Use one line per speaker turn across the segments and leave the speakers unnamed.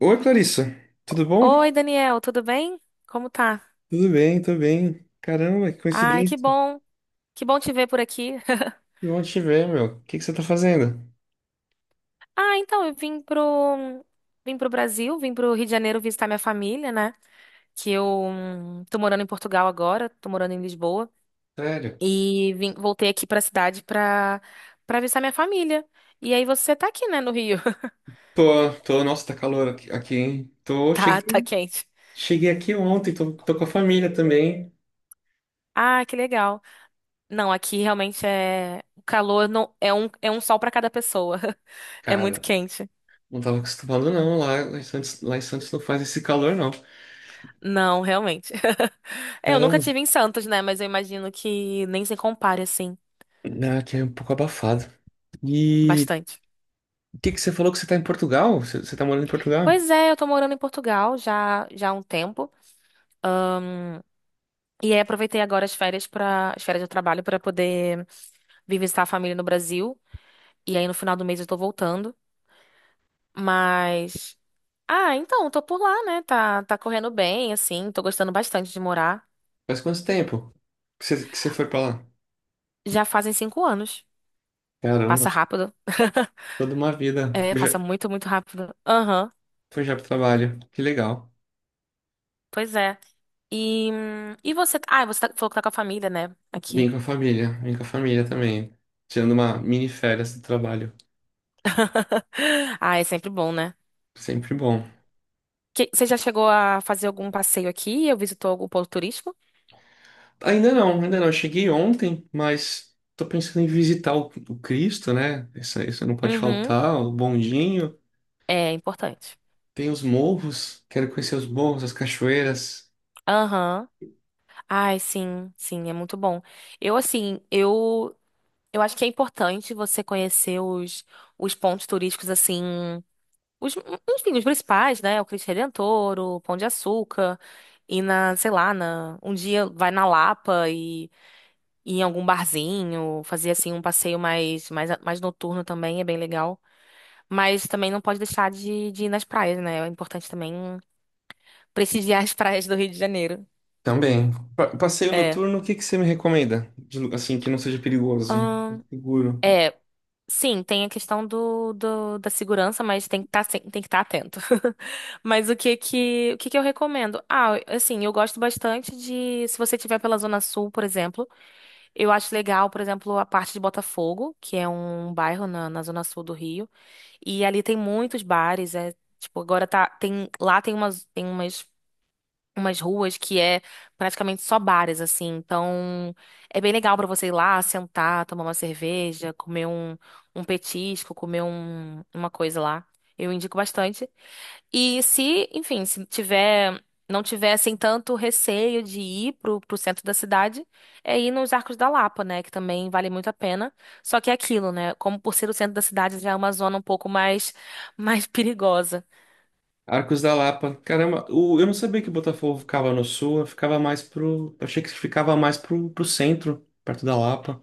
Oi, Clarissa. Tudo bom?
Oi, Daniel, tudo bem? Como tá?
Tudo bem, tudo bem. Caramba, que
Ai, que
coincidência.
bom. Que bom te ver por aqui.
Que bom te ver, meu. O que que você tá fazendo?
Ah, então, vim pro Brasil, vim pro Rio de Janeiro visitar minha família, né? Que eu tô morando em Portugal agora, tô morando em Lisboa.
Sério?
E voltei aqui pra cidade pra visitar minha família. E aí você tá aqui, né, no Rio.
Tô, tô, nossa, tá calor aqui, hein? Tô,
Tá, tá quente.
cheguei aqui ontem, tô com a família também.
Ah, que legal. Não, aqui realmente é O calor não, é um sol pra cada pessoa. É muito
Cara,
quente.
não tava acostumado não, lá em Santos não faz esse calor não.
Não, realmente. É, eu nunca
Caramba,
tive em Santos, né? Mas eu imagino que nem se compare, assim,
né, aqui é um pouco abafado. E
bastante.
o que que você falou que você tá em Portugal? Você tá morando em Portugal?
Pois é, eu tô morando em Portugal já, já há um tempo. E aí aproveitei agora as férias para as férias de trabalho para poder vir visitar a família no Brasil. E aí no final do mês eu tô voltando. Mas. Ah, então, tô por lá, né? Tá, tá correndo bem, assim. Tô gostando bastante de morar.
Faz quanto tempo que você foi pra lá?
Já fazem 5 anos.
Caramba,
Passa rápido.
toda uma vida.
É, passa muito, muito rápido. Aham.
Foi já pro trabalho. Que legal.
Pois é. E você. Ah, você falou que tá com a família, né? Aqui.
Vim com a família. Vim com a família também. Tirando uma mini férias do trabalho.
Ah, é sempre bom, né?
Sempre bom.
Você já chegou a fazer algum passeio aqui? Ou visitou algum ponto turístico?
Ainda não, ainda não. Eu cheguei ontem, mas tô pensando em visitar o Cristo, né? Isso não pode
Uhum.
faltar. O bondinho.
É importante.
Tem os morros. Quero conhecer os morros, as cachoeiras.
Aham. Ai, sim, sim, é muito bom. Eu eu acho que é importante você conhecer os pontos turísticos, assim, os, enfim, os principais, né? O Cristo Redentor, o Pão de Açúcar, e na, sei lá, na, um dia vai na Lapa, ir em algum barzinho, fazer assim um passeio mais noturno, também é bem legal. Mas também não pode deixar de ir nas praias, né? É importante também prestigiar as praias do Rio de Janeiro.
Também. Passeio
É.
noturno, o que que você me recomenda? De assim, que não seja perigoso.
Ahn,
Seguro.
é, sim, tem a questão da segurança, mas tem que estar atento. Mas o que que eu recomendo? Ah, assim, eu gosto bastante de, se você estiver pela Zona Sul, por exemplo, eu acho legal, por exemplo, a parte de Botafogo, que é um bairro na Zona Sul do Rio. E ali tem muitos bares, é, tipo, agora lá umas ruas que é praticamente só bares, assim. Então, é bem legal pra você ir lá, sentar, tomar uma cerveja, comer um petisco, comer uma coisa lá. Eu indico bastante. E se não tiver assim tanto receio de ir pro centro da cidade, é ir nos Arcos da Lapa, né? Que também vale muito a pena. Só que é aquilo, né? Como por ser o centro da cidade, já é uma zona um pouco mais perigosa.
Arcos da Lapa. Caramba, eu não sabia que Botafogo ficava no sul, eu ficava mais pro. Eu achei que ficava mais pro, pro centro, perto da Lapa.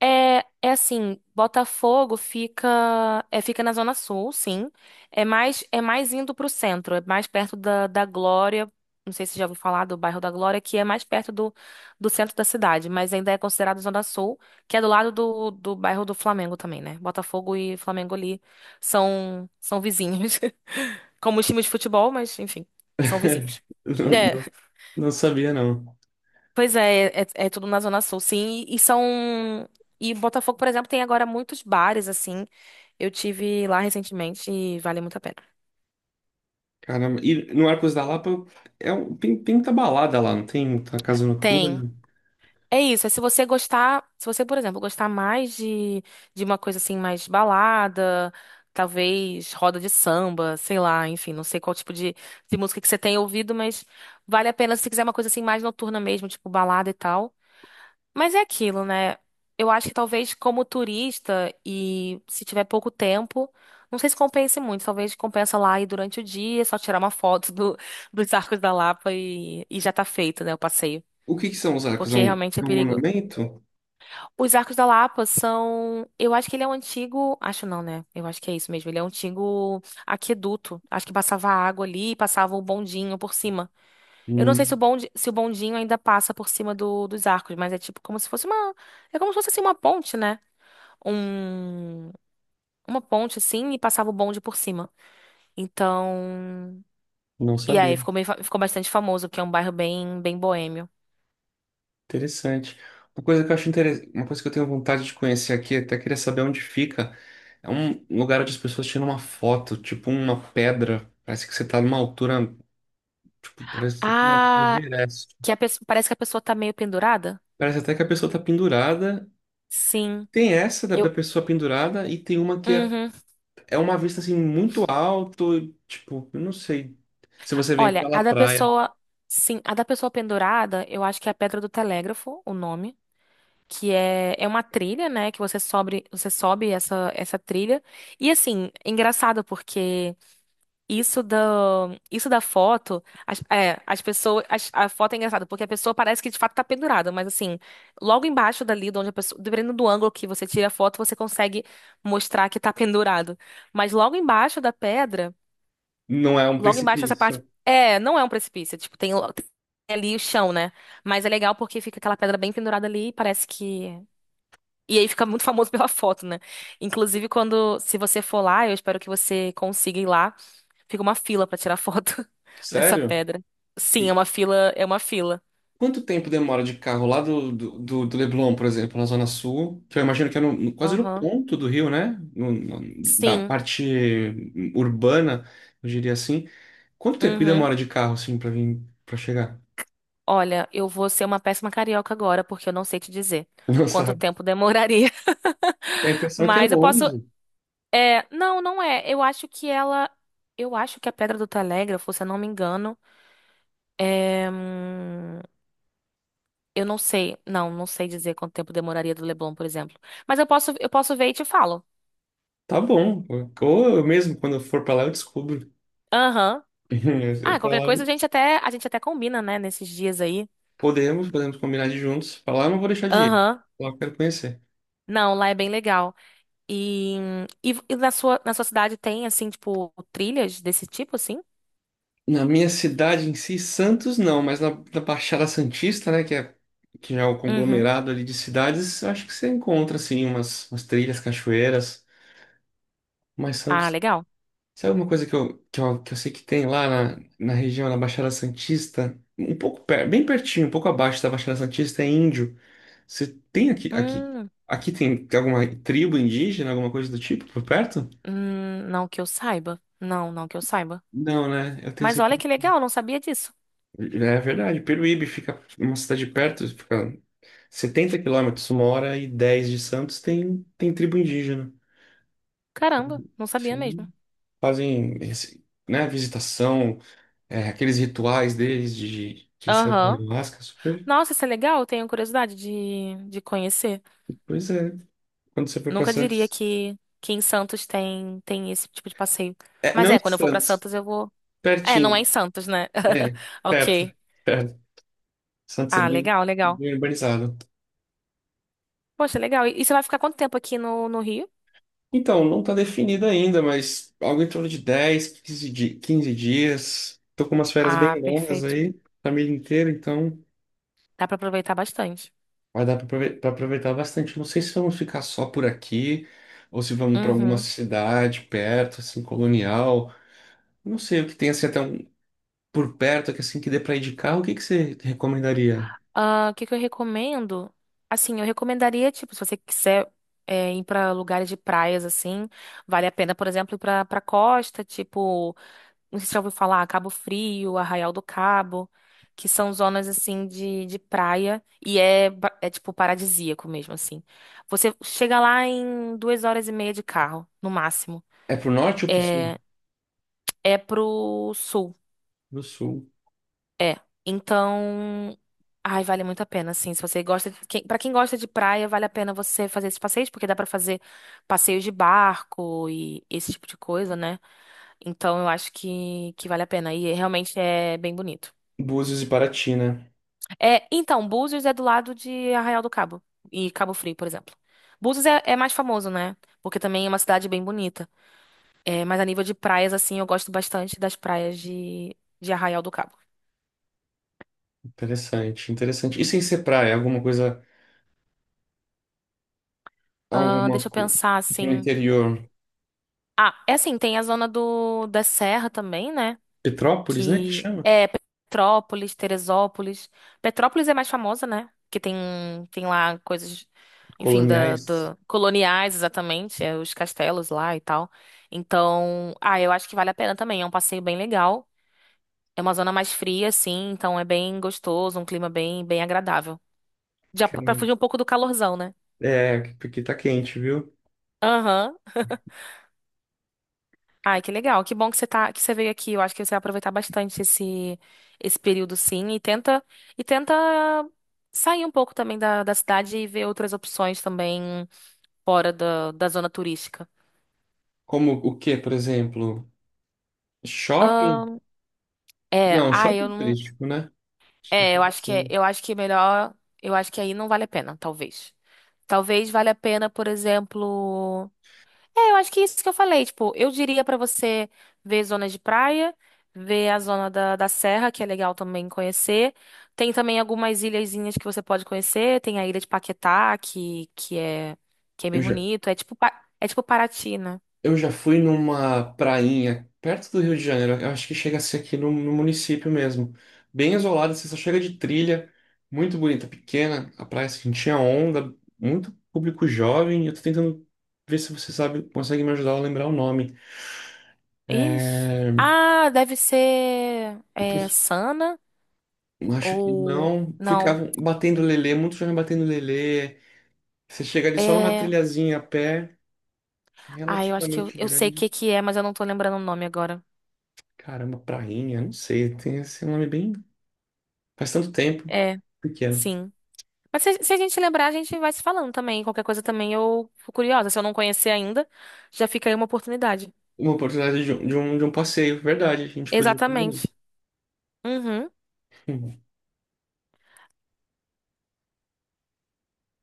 É, é assim, Botafogo fica na Zona Sul, sim. É mais indo pro centro, é mais perto da Glória. Não sei se já ouviu falar do bairro da Glória, que é mais perto do centro da cidade, mas ainda é considerado Zona Sul, que é do lado do bairro do Flamengo também, né? Botafogo e Flamengo ali são vizinhos. Como time de futebol, mas enfim, são vizinhos.
Não, não sabia, não.
Pois é, é tudo na Zona Sul, sim. E são. E Botafogo, por exemplo, tem agora muitos bares, assim. Eu tive lá recentemente e vale muito a pena.
Caramba, e no Arcos da Lapa é um, tem, tem muita balada lá, não tem muita casa
Tem.
noturna.
É isso. É, se você gostar. Se você, por exemplo, gostar mais de uma coisa assim, mais balada, talvez roda de samba, sei lá, enfim, não sei qual tipo de música que você tem ouvido, mas vale a pena se quiser uma coisa assim mais noturna mesmo, tipo balada e tal. Mas é aquilo, né? Eu acho que talvez como turista e se tiver pouco tempo, não sei se compense muito. Talvez compensa lá e durante o dia, só tirar uma foto dos Arcos da Lapa e já tá feito, né, o passeio.
O que que são os arcos?
Porque realmente é
É um
perigo.
monumento?
Os Arcos da Lapa são. Eu acho que ele é um antigo. Acho não, né? Eu acho que é isso mesmo. Ele é um antigo aqueduto. Acho que passava água ali e passava um bondinho por cima. Eu não sei se o
Hum,
bonde, se o bondinho ainda passa por cima dos arcos, mas é tipo como se fosse uma. É como se fosse assim, uma ponte, né? Um, uma ponte assim, e passava o bonde por cima. Então.
não
E aí
sabia.
ficou, ficou bastante famoso, porque é um bairro bem, bem boêmio.
Interessante. Uma coisa que eu acho interessante, uma coisa que eu tenho vontade de conhecer aqui, até queria saber onde fica. É um lugar onde as pessoas tiram uma foto, tipo uma pedra. Parece que você tá numa altura, tipo, parece que você tá no
Ah,
Everest.
que a pessoa, parece que a pessoa tá meio pendurada?
Parece até que a pessoa tá pendurada.
Sim.
Tem essa da
Eu.
pessoa pendurada e tem uma
Uhum.
é uma vista assim muito alto, tipo, eu não sei. Se você vem
Olha,
pela
a da
praia,
pessoa. Sim, a da pessoa pendurada, eu acho que é a Pedra do Telégrafo, o nome. Que é, é uma trilha, né? Que você sobe essa trilha. E assim, é engraçado porque isso da, isso da foto, as pessoas, a foto é engraçada porque a pessoa parece que de fato tá pendurada, mas assim, logo embaixo dali, de onde a pessoa, dependendo do ângulo que você tira a foto, você consegue mostrar que tá pendurado. Mas logo embaixo da pedra,
não é um
logo embaixo dessa parte,
precipício.
é, não é um precipício, tipo, tem ali o chão, né? Mas é legal porque fica aquela pedra bem pendurada ali e parece que e aí fica muito famoso pela foto, né? Inclusive, quando, se você for lá, eu espero que você consiga ir lá. Fica uma fila pra tirar foto nessa
Sério?
pedra. Sim, é
E,
uma fila, é uma fila.
quanto tempo demora de carro lá do, do Leblon, por exemplo, na Zona Sul? Que eu imagino que é quase no
Aham.
ponto do Rio, né? Da
Sim.
parte urbana, eu diria assim. Quanto tempo que
Uhum.
demora de carro, assim, pra vir, para chegar?
Olha, eu vou ser uma péssima carioca agora, porque eu não sei te dizer
Não
quanto
sabe?
tempo demoraria.
A impressão é que é
Mas eu posso.
longe.
É, não, não é. Eu acho que ela. Eu acho que a Pedra do Telégrafo, se eu não me engano, é. Eu não sei, não, não sei dizer quanto tempo demoraria do Leblon, por exemplo. Mas eu posso ver e te falo.
Tá bom. Ou eu mesmo, quando eu for pra lá, eu descubro.
Aham. Ah,
Pra
qualquer
lá,
coisa a gente até combina, né, nesses dias aí.
podemos combinar de ir juntos. Pra lá eu não vou deixar de ir.
Aham.
Lá eu quero conhecer.
Não, lá é bem legal. E, e na sua cidade tem, assim, tipo, trilhas desse tipo, assim?
Na minha cidade em si, Santos não, mas na Baixada Santista, né, que já é o
Uhum.
conglomerado ali de cidades, eu acho que você encontra assim umas, umas trilhas, cachoeiras, mas
Ah,
Santos,
legal.
sabe uma coisa que que eu sei que tem lá na região da Baixada Santista, um pouco per, bem pertinho, um pouco abaixo da Baixada Santista é índio. Você tem
Hum,
aqui tem alguma tribo indígena, alguma coisa do tipo por perto?
não que eu saiba. Não, não que eu saiba.
Não, né? Eu tenho
Mas olha que legal, não sabia disso.
é verdade, Peruíbe fica uma cidade perto, fica 70 quilômetros, uma hora e 10 de Santos, tem, tem tribo indígena.
Caramba, não sabia mesmo.
Sim. Fazem, né, visitação, é, aqueles rituais deles de serem
Aham.
ayahuasca, super.
Nossa, isso é legal, eu tenho curiosidade de conhecer.
Pois é, quando você for para
Nunca diria
Santos.
que em Santos tem, tem esse tipo de passeio.
É,
Mas
não
é,
em
quando eu for pra
Santos,
Santos, eu vou. É, não é em
pertinho,
Santos, né?
é, perto,
Ok.
perto. Santos é
Ah,
bem,
legal, legal.
bem urbanizado.
Poxa, legal. E você vai ficar quanto tempo aqui no Rio?
Então, não está definido ainda, mas algo em torno de 10, 15 dias. Tô com umas férias
Ah,
bem longas
perfeito.
aí, família inteira, então
Dá pra aproveitar bastante.
vai dar para aproveitar bastante. Não sei se vamos ficar só por aqui ou se vamos para alguma
Uhum.
cidade perto, assim, colonial. Não sei o que tem assim até um, por perto, que assim que dê para ir de carro, o que que você recomendaria?
Ah, o que que eu recomendo? Assim, eu recomendaria, tipo, se você quiser é, ir pra lugares de praias, assim, vale a pena, por exemplo, ir pra costa, tipo. Não sei se já ouviu falar, Cabo Frio, Arraial do Cabo, que são zonas assim de praia e é, é tipo paradisíaco mesmo, assim. Você chega lá em 2 horas e meia de carro, no máximo.
É pro norte ou pro sul?
É, é pro sul.
Pro sul.
É. Então. Ai, vale muito a pena, assim. Se você gosta. De... Quem... Para quem gosta de praia, vale a pena você fazer esses passeios, porque dá pra fazer passeios de barco e esse tipo de coisa, né? Então eu acho que vale a pena. E realmente é bem bonito.
Búzios e Paraty, né?
É, então, Búzios é do lado de Arraial do Cabo e Cabo Frio, por exemplo. Búzios é mais famoso, né? Porque também é uma cidade bem bonita. É, mas a nível de praias, assim, eu gosto bastante das praias de Arraial do Cabo.
Interessante, interessante. E sem ser praia, alguma
Deixa eu
coisa
pensar,
pro
assim.
interior.
Ah, é assim, tem a zona da Serra também, né?
Petrópolis, né? Que
Que
chama?
é Petrópolis, Teresópolis. Petrópolis é mais famosa, né? Que tem lá coisas, enfim,
Coloniais.
coloniais exatamente, é, os castelos lá e tal. Então, ah, eu acho que vale a pena também. É um passeio bem legal. É uma zona mais fria, assim, então é bem gostoso, um clima bem agradável. Já
Cara, é,
para
um,
fugir um pouco do calorzão, né?
é, porque tá quente, viu?
Aham. Ai, que legal. Que bom que você tá, que você veio aqui. Eu acho que você vai aproveitar bastante esse período, sim, e tenta sair um pouco também da cidade e ver outras opções também fora da zona turística.
Como o quê, por exemplo? Shopping?
Ahn, é,
Não,
ah, eu
shopping
não,
turístico, né?
é, eu
Acaba
acho que
sendo.
eu acho que é melhor, eu acho que aí não vale a pena, talvez. Talvez valha a pena, por exemplo, é, eu acho que é isso que eu falei. Tipo, eu diria pra você ver zonas de praia, ver a zona da serra, que é legal também conhecer. Tem também algumas ilhazinhas que você pode conhecer. Tem a ilha de Paquetá, que é bem
Eu já,
bonito. É tipo, é tipo Paraty, né?
eu já fui numa prainha perto do Rio de Janeiro. Eu acho que chega a ser aqui no município mesmo. Bem isolada, você só chega de trilha. Muito bonita, pequena. A praia assim, tinha onda. Muito público jovem. Eu tô tentando ver se você sabe, consegue me ajudar a lembrar o nome.
Ixi. Ah, deve ser
É...
é, Sana
Eu acho que
ou...
não.
Não,
Ficavam batendo lelê, muitos jovens batendo lelê. Você chega ali só numa
é...
trilhazinha a pé, é
Ah, eu acho que
relativamente
eu sei o
grande.
que que é, mas eu não tô lembrando o nome agora.
Caramba, prainha, não sei, tem esse nome bem. Faz tanto tempo,
É,
pequeno.
sim. Mas se a gente lembrar, a gente vai se falando também. Qualquer coisa também eu fico curiosa. Se eu não conhecer ainda, já fica aí uma oportunidade.
Uma oportunidade de de um passeio, verdade, a gente podia combinar.
Exatamente. Uhum.
Hum.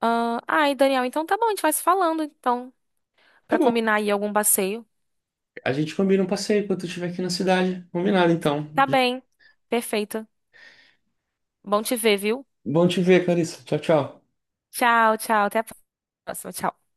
Ah, ai, Daniel, então tá bom, a gente vai se falando, então,
Tá
pra
bom,
combinar aí algum passeio.
a gente combina um passeio quando tu estiver aqui na cidade. Combinado, então.
Tá bem. Perfeito. Bom te ver, viu?
Bom te ver, Clarissa. Tchau, tchau.
Tchau, tchau. Até a próxima. Tchau.